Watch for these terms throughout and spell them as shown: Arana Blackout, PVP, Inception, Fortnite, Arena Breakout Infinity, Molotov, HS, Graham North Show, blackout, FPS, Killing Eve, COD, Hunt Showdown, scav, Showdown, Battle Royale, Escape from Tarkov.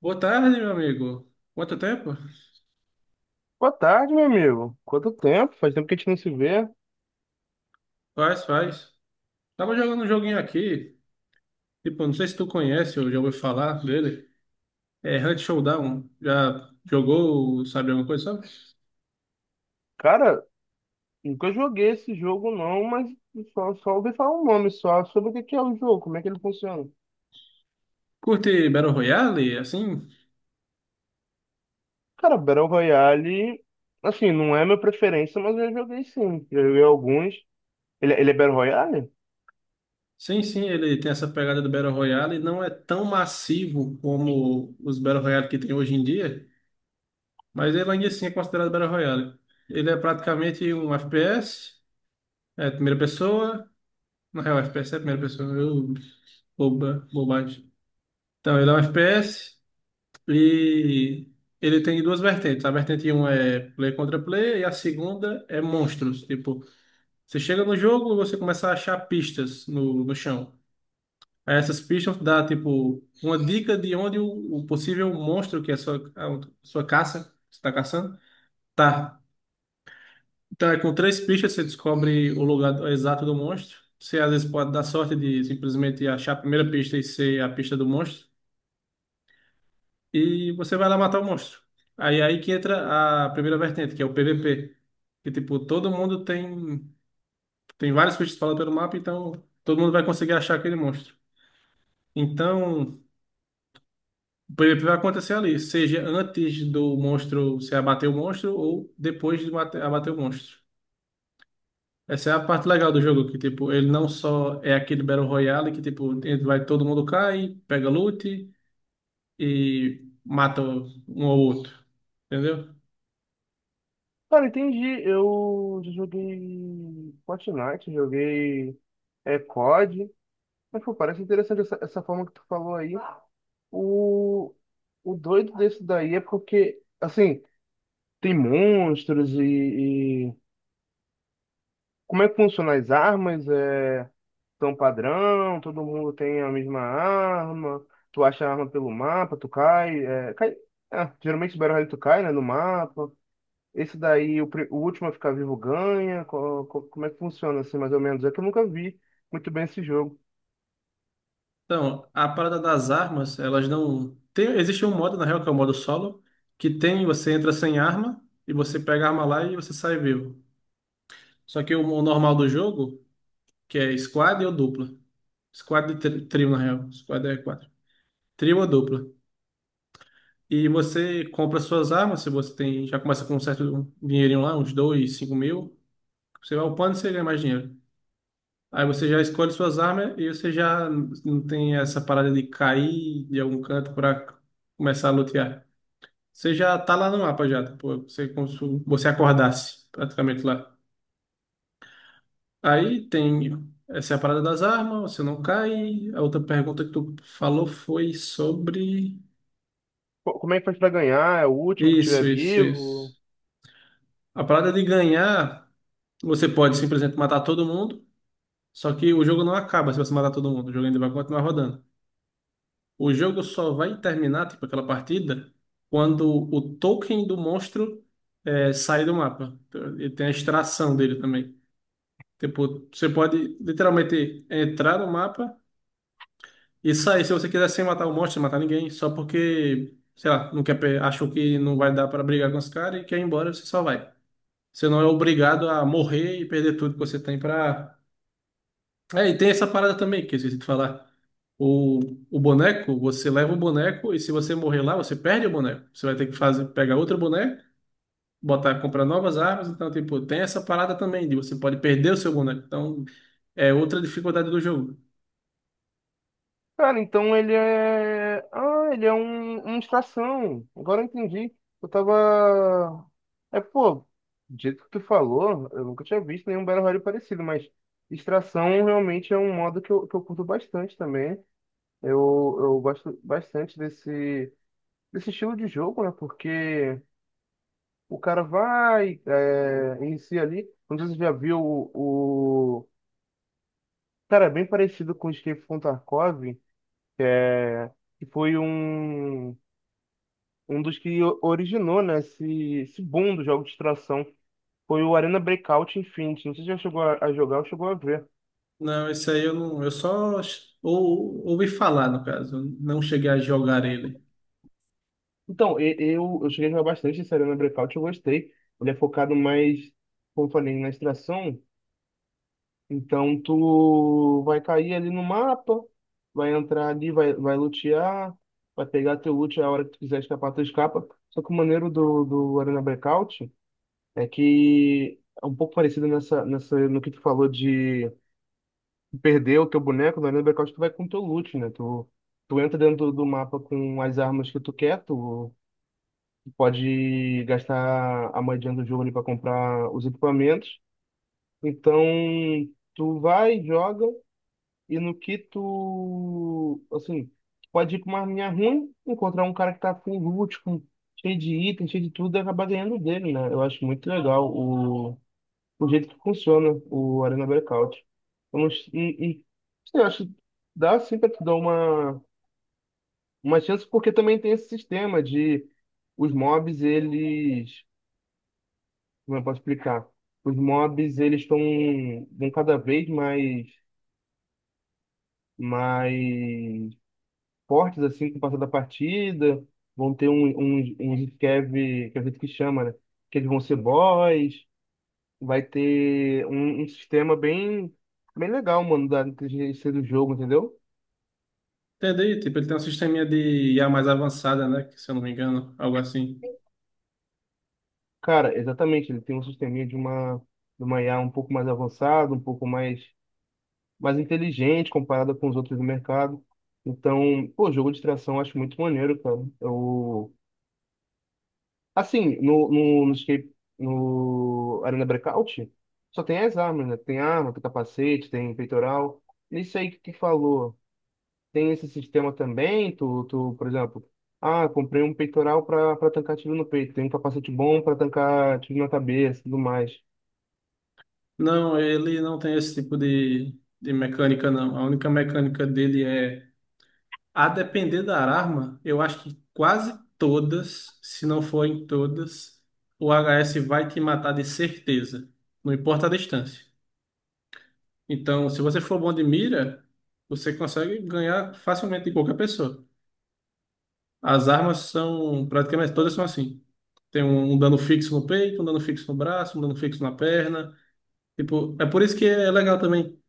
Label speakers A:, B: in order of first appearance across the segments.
A: Boa tarde, meu amigo. Quanto tempo?
B: Boa tarde, meu amigo. Quanto tempo? Faz tempo que a gente não se vê.
A: Faz. Tava jogando um joguinho aqui, tipo, não sei se tu conhece ou já ouviu falar dele. É Hunt Showdown. Já jogou, sabe alguma coisa, sabe?
B: Cara, nunca joguei esse jogo não, mas só ouvi falar um nome só sobre o que que é o jogo, como é que ele funciona.
A: Curte Battle Royale, assim?
B: Cara, Battle Royale, assim, não é minha preferência, mas eu já joguei sim. Já joguei alguns. Ele é Battle Royale?
A: Sim, ele tem essa pegada do Battle Royale, não é tão massivo como os Battle Royale que tem hoje em dia, mas ele ainda assim é considerado Battle Royale. Ele é praticamente um FPS, é primeira pessoa, na real, FPS é primeira pessoa, bobagem. Então, ele é um FPS e ele tem duas vertentes. A vertente um é player contra player e a segunda é monstros. Tipo, você chega no jogo e você começa a achar pistas no chão. Aí essas pistas dá, tipo, uma dica de onde o possível monstro, que é a sua caça, que você tá caçando, tá. Então, é com três pistas você descobre o lugar exato do monstro. Você às vezes pode dar sorte de simplesmente achar a primeira pista e ser a pista do monstro e você vai lá matar o monstro. Aí é aí que entra a primeira vertente, que é o PVP. Que tipo, todo mundo tem tem vários bichos espalhados pelo mapa, então todo mundo vai conseguir achar aquele monstro. Então, o PVP vai acontecer ali, seja antes do monstro você abater o monstro ou depois de abater o monstro. Essa é a parte legal do jogo, que tipo, ele não só é aquele Battle Royale que tipo, ele vai todo mundo cai, pega loot e mata um ao outro. Entendeu?
B: Cara, entendi. Eu já joguei Fortnite, joguei COD. Mas, pô, parece interessante essa forma que tu falou aí. O, o doido desse daí é porque, assim, tem monstros e como é que funcionam as armas? É tão padrão? Todo mundo tem a mesma arma? Tu acha a arma pelo mapa? Tu cai? Ah, geralmente o Battle Royale tu cai, né, no mapa. Esse daí, o último a ficar vivo ganha. Como é que funciona assim, mais ou menos? É que eu nunca vi muito bem esse jogo.
A: Então, a parada das armas, elas não. Tem, existe um modo, na real, que é o modo solo, que tem, você entra sem arma, e você pega a arma lá e você sai vivo. Só que o normal do jogo, que é squad ou dupla. Squad e trio, na real. Squad é quatro. Trio ou dupla. E você compra suas armas, se você tem. Já começa com um certo dinheirinho lá, uns dois, cinco mil. Você vai upando e você ganha mais dinheiro. Aí você já escolhe suas armas e você já não tem essa parada de cair de algum canto para começar a lutear. Você já tá lá no mapa já, tá? Pô, você, como se você acordasse praticamente lá. Aí tem essa é a parada das armas, você não cai. A outra pergunta que tu falou foi sobre.
B: Como é que faz pra ganhar? É o último que
A: Isso,
B: tiver
A: isso,
B: vivo?
A: isso. A parada de ganhar, você pode simplesmente matar todo mundo, só que o jogo não acaba se você matar todo mundo, o jogo ainda vai continuar rodando. O jogo só vai terminar, tipo, aquela partida, quando o token do monstro sai do mapa. Então, ele tem a extração dele também. Tipo, você pode literalmente entrar no mapa e sair se você quiser sem matar o monstro, sem matar ninguém, só porque, sei lá, não quer, achou que não vai dar pra brigar com os caras e quer ir embora, você só vai. Você não é obrigado a morrer e perder tudo que você tem pra. É, e tem essa parada também que eu esqueci de falar. O, o boneco, você leva o boneco e se você morrer lá, você perde o boneco. Você vai ter que fazer, pegar outro boneco, botar, comprar novas armas. Então, tipo, tem essa parada também de você pode perder o seu boneco. Então, é outra dificuldade do jogo.
B: Cara, então ele é. Ah, ele é um, uma estação. Agora eu entendi. Eu tava. É, pô, do jeito que tu falou, eu nunca tinha visto nenhum Battle Royale parecido, mas extração realmente é um modo que eu curto bastante também. Eu gosto bastante desse, desse estilo de jogo, né? Porque o cara vai, é, inicia ali. Não sei se você já viu cara, é bem parecido com o Escape from Tarkov que foi um, um dos que originou, né, esse boom do jogo de extração foi o Arena Breakout Infinity. Não sei se já chegou a jogar ou chegou a ver.
A: Não, isso aí eu não. Eu só ouvi falar, no caso. Não cheguei a jogar ele.
B: Então, eu cheguei a jogar bastante esse Arena Breakout, eu gostei. Ele é focado mais, como eu falei, na extração. Então, tu vai cair ali no mapa, vai entrar ali, vai lutear, vai pegar teu loot a hora que tu quiser escapar, tu escapa. Só que o maneiro do Arena Breakout é que é um pouco parecido nessa, nessa, no que tu falou de perder o teu boneco, na linha do blackout, tu vai com o teu loot, né? Tu, tu entra dentro do mapa com as armas que tu quer, tu pode gastar a moedinha do jogo ali para comprar os equipamentos. Então, tu vai, joga, e no que tu, assim, tu pode ir com uma arminha ruim, encontrar um cara que tá com loot, com, cheio de item, cheio de tudo, e acabar ganhando dele, né? Eu acho muito legal o jeito que funciona o Arena Breakout. Eu não, sei, eu acho que dá sim pra te dar uma chance, porque também tem esse sistema de os mobs, eles. Como eu posso explicar? Os mobs, eles estão vão cada vez mais, mais fortes, assim, com o passar da partida. Vão ter um scav, que é o jeito que chama, né? Que eles vão ser boss. Vai ter um sistema bem, bem legal, mano, da inteligência do jogo, entendeu?
A: Entendi. Tipo, ele tem um sisteminha de IA mais avançada, né? Se eu não me engano, algo assim.
B: Cara, exatamente, ele tem um sisteminha de uma IA um pouco mais avançado, um pouco mais, mais inteligente comparada com os outros do mercado. Então, pô, jogo de tração eu acho muito maneiro, cara. Eu, assim, no Arena Breakout, só tem as armas, né? Tem arma, tem capacete, tem peitoral. Isso aí que tu falou. Tem esse sistema também, tu, por exemplo, ah, comprei um peitoral para tancar tiro no peito, tem um capacete bom para tancar tiro na cabeça, e tudo mais.
A: Não, ele não tem esse tipo de mecânica, não. A única mecânica dele é, a depender da arma, eu acho que quase todas, se não forem todas, o HS vai te matar de certeza. Não importa a distância. Então, se você for bom de mira, você consegue ganhar facilmente de qualquer pessoa. As armas são praticamente todas são assim. Tem um dano fixo no peito, um dano fixo no braço, um dano fixo na perna. Tipo, é por isso que é legal também,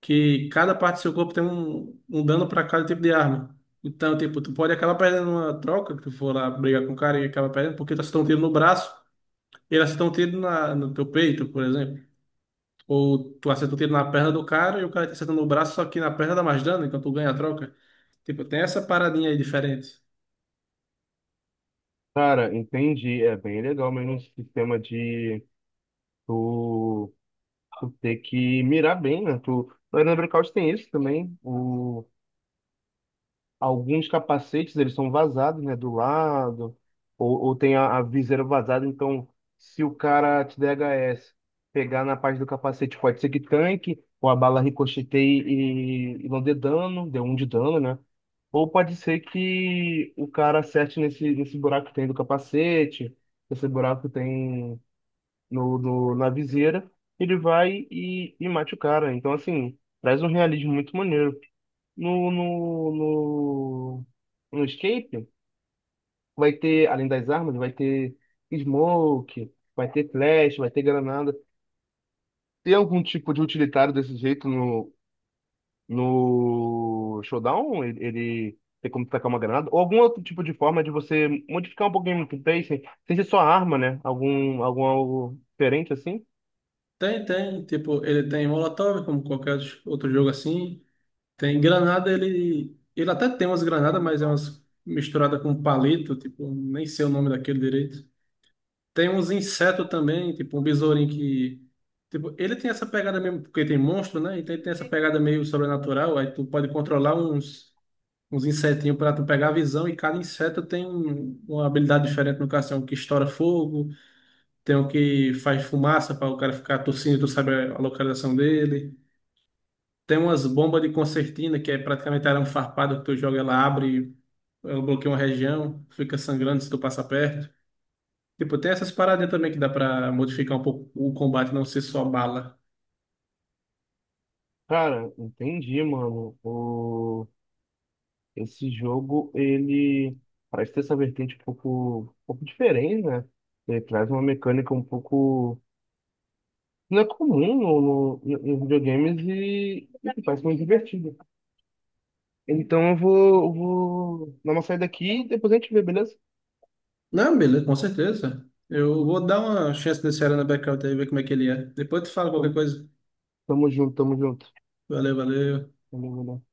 A: que cada parte do seu corpo tem um dano para cada tipo de arma. Então, tipo, tu pode acabar perdendo uma troca, que tu for lá brigar com o cara e acaba perdendo, porque tu acertou um tiro no braço, ele acertou um tiro no teu peito, por exemplo. Ou tu acertou um tiro na perna do cara e o cara tá acertando no braço, só que na perna dá mais dano, então tu ganha a troca. Tipo, tem essa paradinha aí diferente.
B: Cara, entendi, é bem legal mesmo esse sistema de tu, tu ter que mirar bem, né? Tu, lá no Breakout tem isso também, o alguns capacetes, eles são vazados, né, do lado, ou tem a viseira vazada, então se o cara te der HS, pegar na parte do capacete pode ser que tanque, ou a bala ricocheteie e não dê dano, dê um de dano, né? Ou pode ser que o cara acerte nesse, nesse buraco que tem do capacete, esse buraco que tem na viseira, ele vai e mate o cara. Então, assim, traz um realismo muito maneiro. No, no, no, no escape, vai ter, além das armas, vai ter smoke, vai ter flash, vai ter granada. Tem algum tipo de utilitário desse jeito no Showdown? Ele tem como tacar uma granada? Ou algum outro tipo de forma de você modificar um pouquinho o gameplay, sem ser só arma, né? Algum algo diferente assim?
A: Tem. Tipo, ele tem Molotov, como qualquer outro jogo assim. Tem granada, ele. Ele até tem umas granadas, mas é umas misturada com palito, tipo, nem sei o nome daquele direito. Tem uns insetos também, tipo, um besourinho que. Tipo, ele tem essa pegada mesmo, porque tem monstro, né? Então ele tem essa pegada meio sobrenatural, aí tu pode controlar uns insetinhos pra tu pegar a visão, e cada inseto tem uma habilidade diferente no caso, tem um que estoura fogo, tem o que faz fumaça para o cara ficar tossindo, tu sabe a localização dele. Tem umas bombas de concertina, que é praticamente arame farpado que tu joga, ela abre, ela bloqueia uma região, fica sangrando se tu passa perto. Tipo, tem essas paradinhas também que dá pra modificar um pouco o combate, não ser só bala.
B: Cara, entendi, mano. O... Esse jogo, ele parece ter essa vertente um pouco diferente, né? Ele traz uma mecânica um pouco. Não é comum no, no, nos videogames e que parece muito divertido. Então eu vou dar uma saída aqui e depois a gente vê, beleza?
A: Não, beleza, com certeza. Eu vou dar uma chance nesse Arana Blackout aí, ver como é que ele é. Depois tu fala qualquer
B: Tamo,
A: coisa.
B: tamo junto, tamo junto.
A: Valeu.
B: Tamo junto.